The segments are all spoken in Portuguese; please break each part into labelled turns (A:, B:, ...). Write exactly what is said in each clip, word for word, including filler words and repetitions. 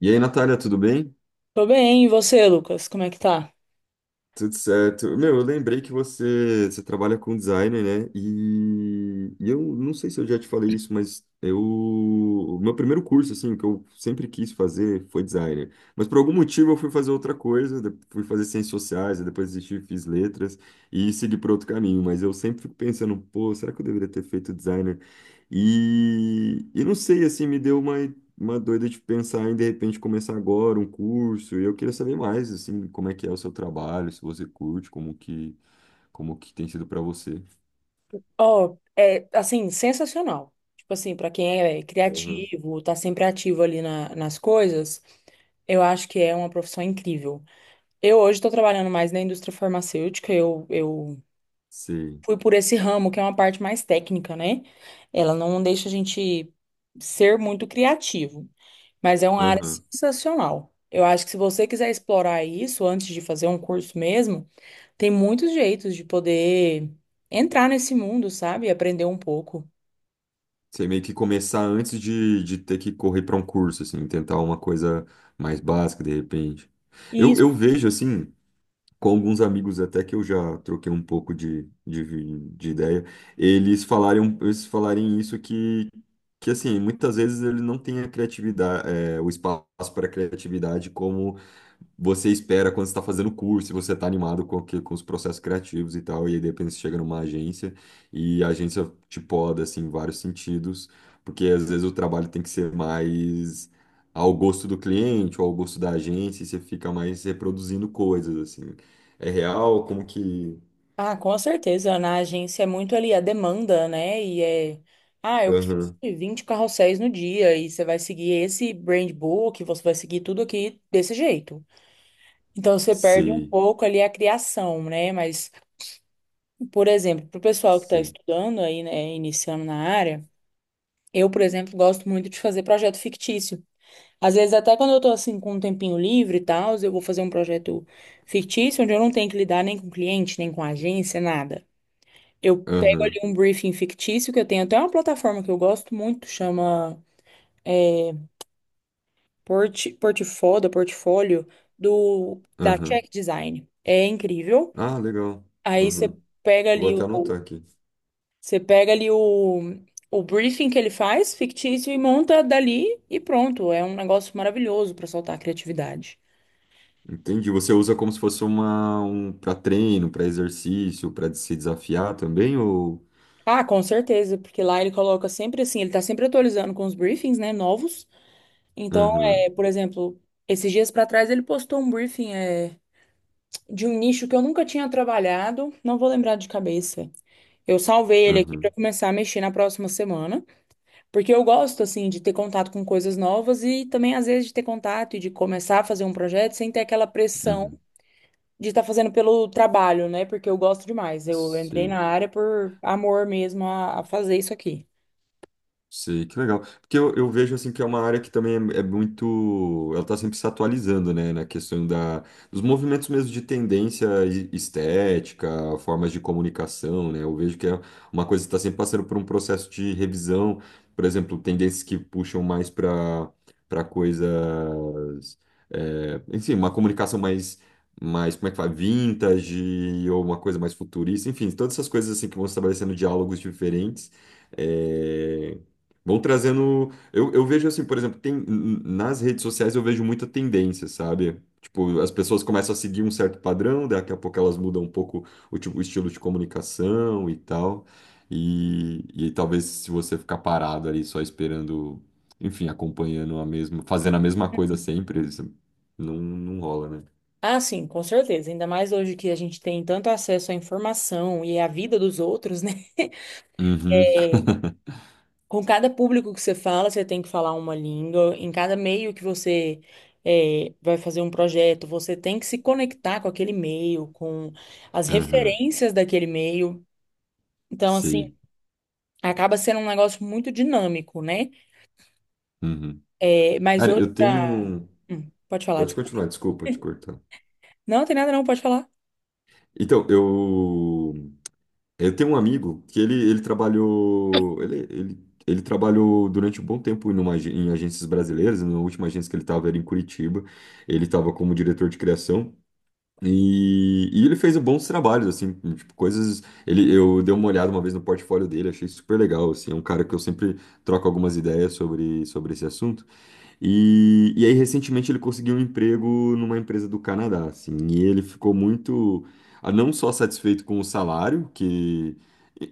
A: E aí, Natália, tudo bem?
B: Tô bem, e você, Lucas? Como é que tá?
A: Tudo certo. Meu, eu lembrei que você, você trabalha com designer, né? E, e eu não sei se eu já te falei isso, mas eu, o meu primeiro curso, assim, que eu sempre quis fazer foi designer. Mas por algum motivo eu fui fazer outra coisa, de- fui fazer ciências sociais, aí depois desisti, fiz letras e segui por outro caminho. Mas eu sempre fico pensando, pô, será que eu deveria ter feito designer? E, e não sei, assim, me deu uma. Uma doida de pensar em de repente começar agora um curso. E eu queria saber mais, assim, como é que é o seu trabalho, se você curte, como que, como que tem sido para você.
B: Ó, é assim, sensacional. Tipo assim, pra quem é
A: Aham.
B: criativo, tá sempre ativo ali na- nas coisas, eu acho que é uma profissão incrível. Eu hoje tô trabalhando mais na indústria farmacêutica, eu, eu
A: Sei.
B: fui por esse ramo, que é uma parte mais técnica, né? Ela não deixa a gente ser muito criativo, mas é uma área
A: Aham.
B: sensacional. Eu acho que se você quiser explorar isso antes de fazer um curso mesmo, tem muitos jeitos de poder entrar nesse mundo, sabe? E aprender um pouco.
A: Você meio que começar antes de, de ter que correr para um curso, assim, tentar uma coisa mais básica de repente.
B: E
A: Eu, eu
B: isso.
A: vejo assim. Com alguns amigos até que eu já troquei um pouco de, de, de ideia, eles falarem, um, eles falarem isso que, que assim, muitas vezes ele não tem a criatividade, é, o espaço para a criatividade como você espera quando você está fazendo curso, e você está animado com, aquele- com os processos criativos e tal, e aí de repente você chega numa agência e a agência te poda, assim, em vários sentidos, porque às vezes o trabalho tem que ser mais ao gosto do cliente ou ao gosto da agência, e você fica mais reproduzindo coisas, assim. É real? Como que.
B: Ah, com certeza. Na agência é muito ali a demanda, né? E é. Ah, eu preciso
A: Aham.
B: de vinte carrosséis no dia e você vai seguir esse brand book, você vai seguir tudo aqui desse jeito. Então você perde um
A: Sei,
B: pouco ali a criação, né? Mas, por exemplo, para o pessoal que está
A: sei.
B: estudando aí, né, iniciando na área, eu, por exemplo, gosto muito de fazer projeto fictício. Às vezes, até quando eu tô assim com um tempinho livre e tal, eu vou fazer um projeto fictício onde eu não tenho que lidar nem com cliente, nem com agência, nada. Eu pego ali
A: Aham,
B: um briefing fictício que eu tenho até uma plataforma que eu gosto muito, chama é, Port, Portifoda, Portfólio, do, da
A: aham.
B: Check Design. É incrível.
A: Ah, legal.
B: Aí você
A: Aham.
B: pega
A: Vou
B: ali
A: até anotar
B: o,
A: aqui.
B: você pega ali o, o briefing que ele faz, fictício, e monta dali e pronto. É um negócio maravilhoso para soltar a criatividade.
A: Entendi. Você usa como se fosse uma, um para treino, para exercício, para se desafiar também, ou?
B: Ah, com certeza, porque lá ele coloca sempre assim, ele tá sempre atualizando com os briefings, né, novos. Então,
A: Aham,
B: é, por exemplo, esses dias pra trás ele postou um briefing é, de um nicho que eu nunca tinha trabalhado, não vou lembrar de cabeça. Eu salvei ele aqui pra
A: aham,
B: começar a mexer na próxima semana, porque eu gosto assim de ter contato com coisas novas e também às vezes de ter contato e de começar a fazer um projeto sem ter aquela pressão
A: uhum.
B: de estar fazendo pelo trabalho, né? Porque eu gosto demais. Eu entrei
A: Sei.
B: na área por amor mesmo a a fazer isso aqui.
A: Sei, que legal. Porque eu, eu vejo assim que é uma área que também é, é muito. Ela está sempre se atualizando, né? Na questão da, dos movimentos mesmo de tendência e- estética, formas de comunicação, né? Eu vejo que é uma coisa que está sempre passando por um processo de revisão. Por exemplo, tendências que puxam mais para para coisas. É, enfim, uma comunicação mais. Mais como é que fala? Vintage, ou uma coisa mais futurista, enfim, todas essas coisas assim que vão estabelecendo diálogos diferentes. eh, Vão trazendo. Eu, eu vejo assim, por exemplo, tem, n- nas redes sociais eu vejo muita tendência, sabe? Tipo, as pessoas começam a seguir um certo padrão, daqui a pouco elas mudam um pouco o, tipo, o estilo de comunicação e tal. E, e talvez se você ficar parado ali só esperando, enfim, acompanhando a mesma, fazendo a mesma coisa sempre, isso não, não rola, né?
B: Ah, sim, com certeza. Ainda mais hoje que a gente tem tanto acesso à informação e à vida dos outros, né?
A: Uhum,
B: É, com cada público que você fala, você tem que falar uma língua. Em cada meio que você é, vai fazer um projeto, você tem que se conectar com aquele meio, com as
A: uhum,
B: referências daquele meio. Então, assim,
A: sim.
B: acaba sendo um negócio muito dinâmico, né?
A: Uhum.
B: É, mas
A: Cara,
B: hoje
A: eu tenho.
B: pra...
A: Um,
B: Hum, pode falar,
A: pode
B: desculpa.
A: continuar, desculpa te cortar.
B: Não, tem nada não, pode falar.
A: Então, eu. Eu tenho um amigo que ele, ele trabalhou. Ele, ele, ele trabalhou durante um bom tempo numa, agen- em agências brasileiras. Na última agência que ele estava era em Curitiba. Ele estava como diretor de criação. E, e ele fez bons trabalhos, assim, tipo, coisas. Ele, eu dei uma olhada uma vez no portfólio dele, achei super legal. Assim, é um cara que eu sempre troco algumas ideias sobre, sobre esse assunto. E, e aí, recentemente, ele conseguiu um emprego numa empresa do Canadá, assim, e ele ficou muito, ah, não só satisfeito com o salário, que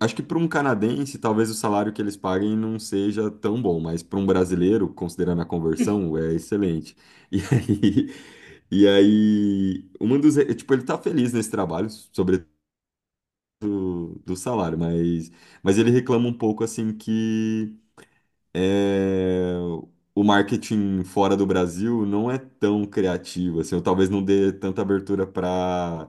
A: acho que para um canadense, talvez o salário que eles paguem não seja tão bom, mas para um brasileiro, considerando a
B: Hum.
A: conversão, é excelente. E aí, e aí, uma dos, tipo, ele tá feliz nesse trabalho, sobretudo do salário, mas, mas ele reclama um pouco, assim, que é, o marketing fora do Brasil não é tão criativo, assim, ou talvez não dê tanta abertura para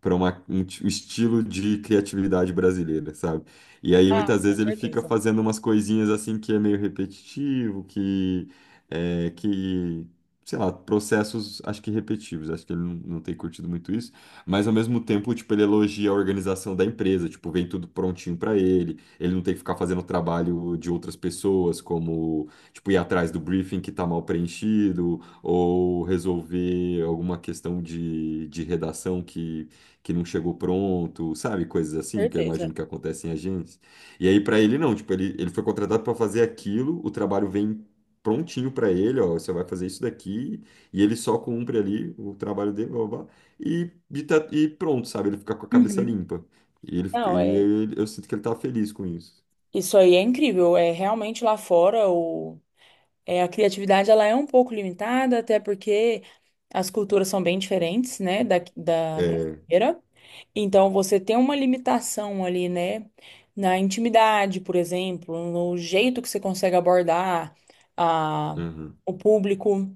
A: para um ti- um estilo de criatividade brasileira, sabe? E aí
B: Ah,
A: muitas
B: com
A: vezes ele fica
B: certeza.
A: fazendo umas coisinhas assim que é meio repetitivo, que é, que sei lá, processos acho que repetitivos, acho que ele não, não tem curtido muito isso, mas ao mesmo tempo, tipo, ele elogia a organização da empresa, tipo, vem tudo prontinho para ele, ele não tem que ficar fazendo trabalho de outras pessoas, como, tipo, ir atrás do briefing que está mal preenchido, ou resolver alguma questão de, de redação que, que não chegou pronto, sabe? Coisas assim que eu imagino
B: Certeza.
A: que acontecem em agências. E aí, para ele, não, tipo, ele, ele foi contratado para fazer aquilo, o trabalho vem prontinho para ele, ó, você vai fazer isso daqui, e ele só cumpre ali o trabalho dele, blá, blá, blá, e, e tá- e pronto, sabe? Ele fica com a cabeça
B: Uhum.
A: limpa. E ele, fica-
B: Não,
A: e
B: é.
A: ele- eu sinto que ele tá feliz com isso.
B: Isso aí é incrível. É realmente lá fora o, é, a criatividade ela é um pouco limitada, até porque as culturas são bem diferentes, né, da, da
A: É,
B: brasileira. Então você tem uma limitação ali, né, na intimidade, por exemplo, no jeito que você consegue abordar a,
A: aham,
B: o público.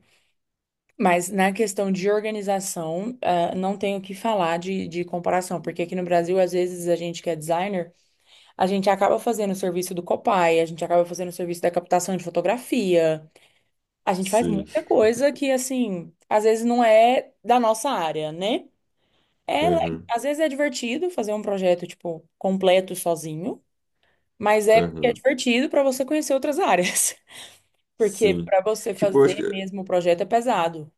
B: Mas na questão de organização, ah, não tenho o que falar de, de comparação, porque aqui no Brasil, às vezes, a gente que é designer. A gente acaba fazendo o serviço do Copai, a gente acaba fazendo o serviço da captação de fotografia. A gente faz
A: sim,
B: muita coisa que, assim, às vezes não é da nossa área, né? É, le-
A: aham,
B: às vezes é divertido fazer um projeto, tipo, completo sozinho, mas é porque é
A: aham,
B: divertido para você conhecer outras áreas. Porque
A: sim.
B: para você
A: Tipo, eu acho
B: fazer
A: que
B: mesmo o projeto é pesado.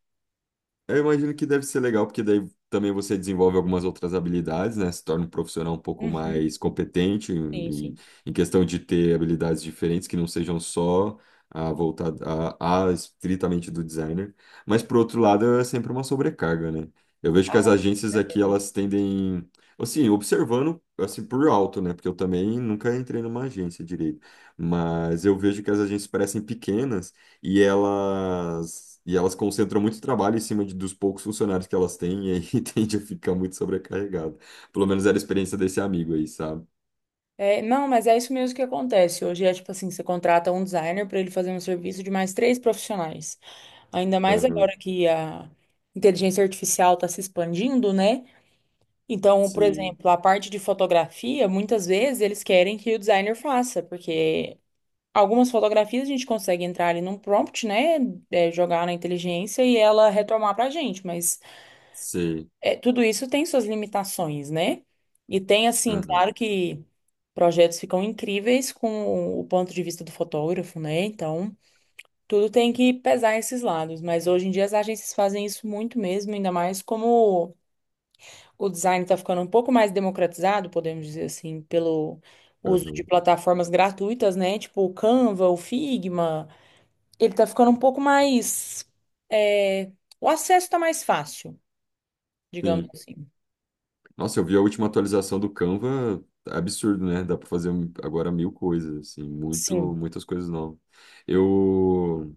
A: eu imagino que deve ser legal, porque daí também você desenvolve algumas outras habilidades, né? Se torna um profissional um pouco
B: Uhum,
A: mais competente
B: sim,
A: em,
B: sim.
A: em questão de ter habilidades diferentes que não sejam só a voltada a, a estritamente do designer. Mas por outro lado, é sempre uma sobrecarga, né? Eu vejo que
B: Ah,
A: as
B: não, com
A: agências aqui
B: certeza.
A: elas tendem, assim, observando assim por alto, né? Porque eu também nunca entrei numa agência direito, mas eu vejo que as agências parecem pequenas e elas e elas concentram muito trabalho em cima de, dos poucos funcionários que elas têm e aí tende a ficar muito sobrecarregado. Pelo menos era a experiência desse amigo aí, sabe?
B: É, não, mas é isso mesmo que acontece. Hoje é tipo assim, você contrata um designer para ele fazer um serviço de mais três profissionais. Ainda mais
A: Aham.
B: agora que a inteligência artificial está se expandindo, né? Então, por
A: Sim,
B: exemplo, a parte de fotografia, muitas vezes eles querem que o designer faça, porque algumas fotografias a gente consegue entrar ali num prompt, né? É, jogar na inteligência e ela retomar pra gente, mas
A: sim.
B: é, tudo isso tem suas limitações, né? E tem, assim,
A: Aham,
B: claro que projetos ficam incríveis com o ponto de vista do fotógrafo, né? Então, tudo tem que pesar esses lados, mas hoje em dia as agências fazem isso muito mesmo, ainda mais como o design está ficando um pouco mais democratizado, podemos dizer assim, pelo uso de
A: aham.
B: plataformas gratuitas, né? Tipo o Canva, o Figma. Ele está ficando um pouco mais. é, O acesso está mais fácil, digamos
A: Sim.
B: assim.
A: Nossa, eu vi a última atualização do Canva, absurdo, né? Dá para fazer um, agora mil coisas, assim, muito,
B: Sim.
A: muitas coisas novas. Eu,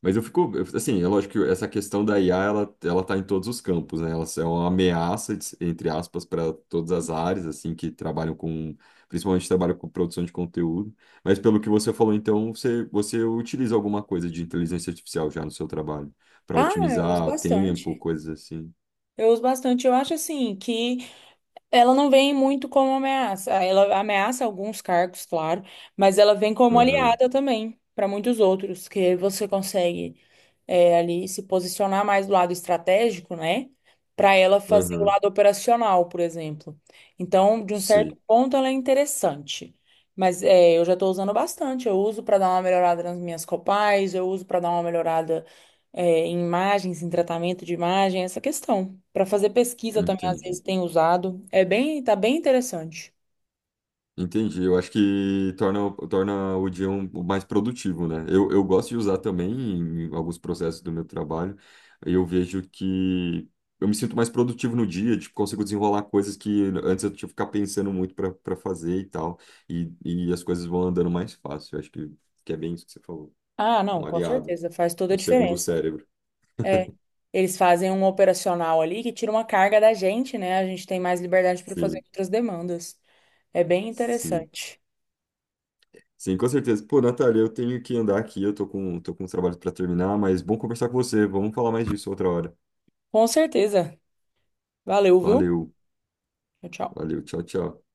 A: mas eu fico, eu- assim, é lógico que essa questão da I A, ela, ela tá em todos os campos, né? Ela é uma ameaça, de- entre aspas, para todas as áreas, assim, que trabalham com, principalmente trabalham com produção de conteúdo. Mas pelo que você falou, então, você, você utiliza alguma coisa de inteligência artificial já no seu trabalho, para
B: Ah, eu uso
A: otimizar tempo,
B: bastante.
A: coisas assim.
B: Eu uso bastante. Eu acho assim que ela não vem muito como ameaça. Ah, ela ameaça alguns cargos, claro, mas ela vem como
A: Aham,
B: aliada também para muitos outros, que você consegue é, ali se posicionar mais do lado estratégico, né? Para ela fazer o
A: aham,
B: lado operacional, por exemplo. Então, de um certo
A: sei,
B: ponto, ela é interessante. Mas é, eu já estou usando bastante. Eu uso para dar uma melhorada nas minhas copais, eu uso para dar uma melhorada é, em imagens, em tratamento de imagem, essa questão. Para fazer pesquisa também, às vezes,
A: entendi.
B: tem usado. É bem, tá bem interessante.
A: Entendi. Eu acho que torna, torna o dia um, mais produtivo, né? Eu, eu gosto de usar também em alguns processos do meu trabalho. Eu vejo que eu me sinto mais produtivo no dia, tipo, consigo desenrolar coisas que antes eu tinha que ficar pensando muito para para fazer e tal. E, e as coisas vão andando mais fácil. Eu acho que, que é bem isso que você falou.
B: Ah,
A: É
B: não,
A: um
B: com
A: aliado,
B: certeza, faz toda a
A: um segundo
B: diferença.
A: cérebro.
B: É, eles fazem um operacional ali que tira uma carga da gente, né? A gente tem mais liberdade para fazer
A: Sim,
B: outras demandas. É bem
A: sim.
B: interessante.
A: Sim, com certeza. Pô, Natália, eu tenho que andar aqui, eu tô com, tô com uns trabalhos para terminar, mas bom conversar com você. Vamos falar mais disso outra hora.
B: Com certeza. Valeu, viu?
A: Valeu,
B: Tchau, tchau.
A: valeu, tchau, tchau.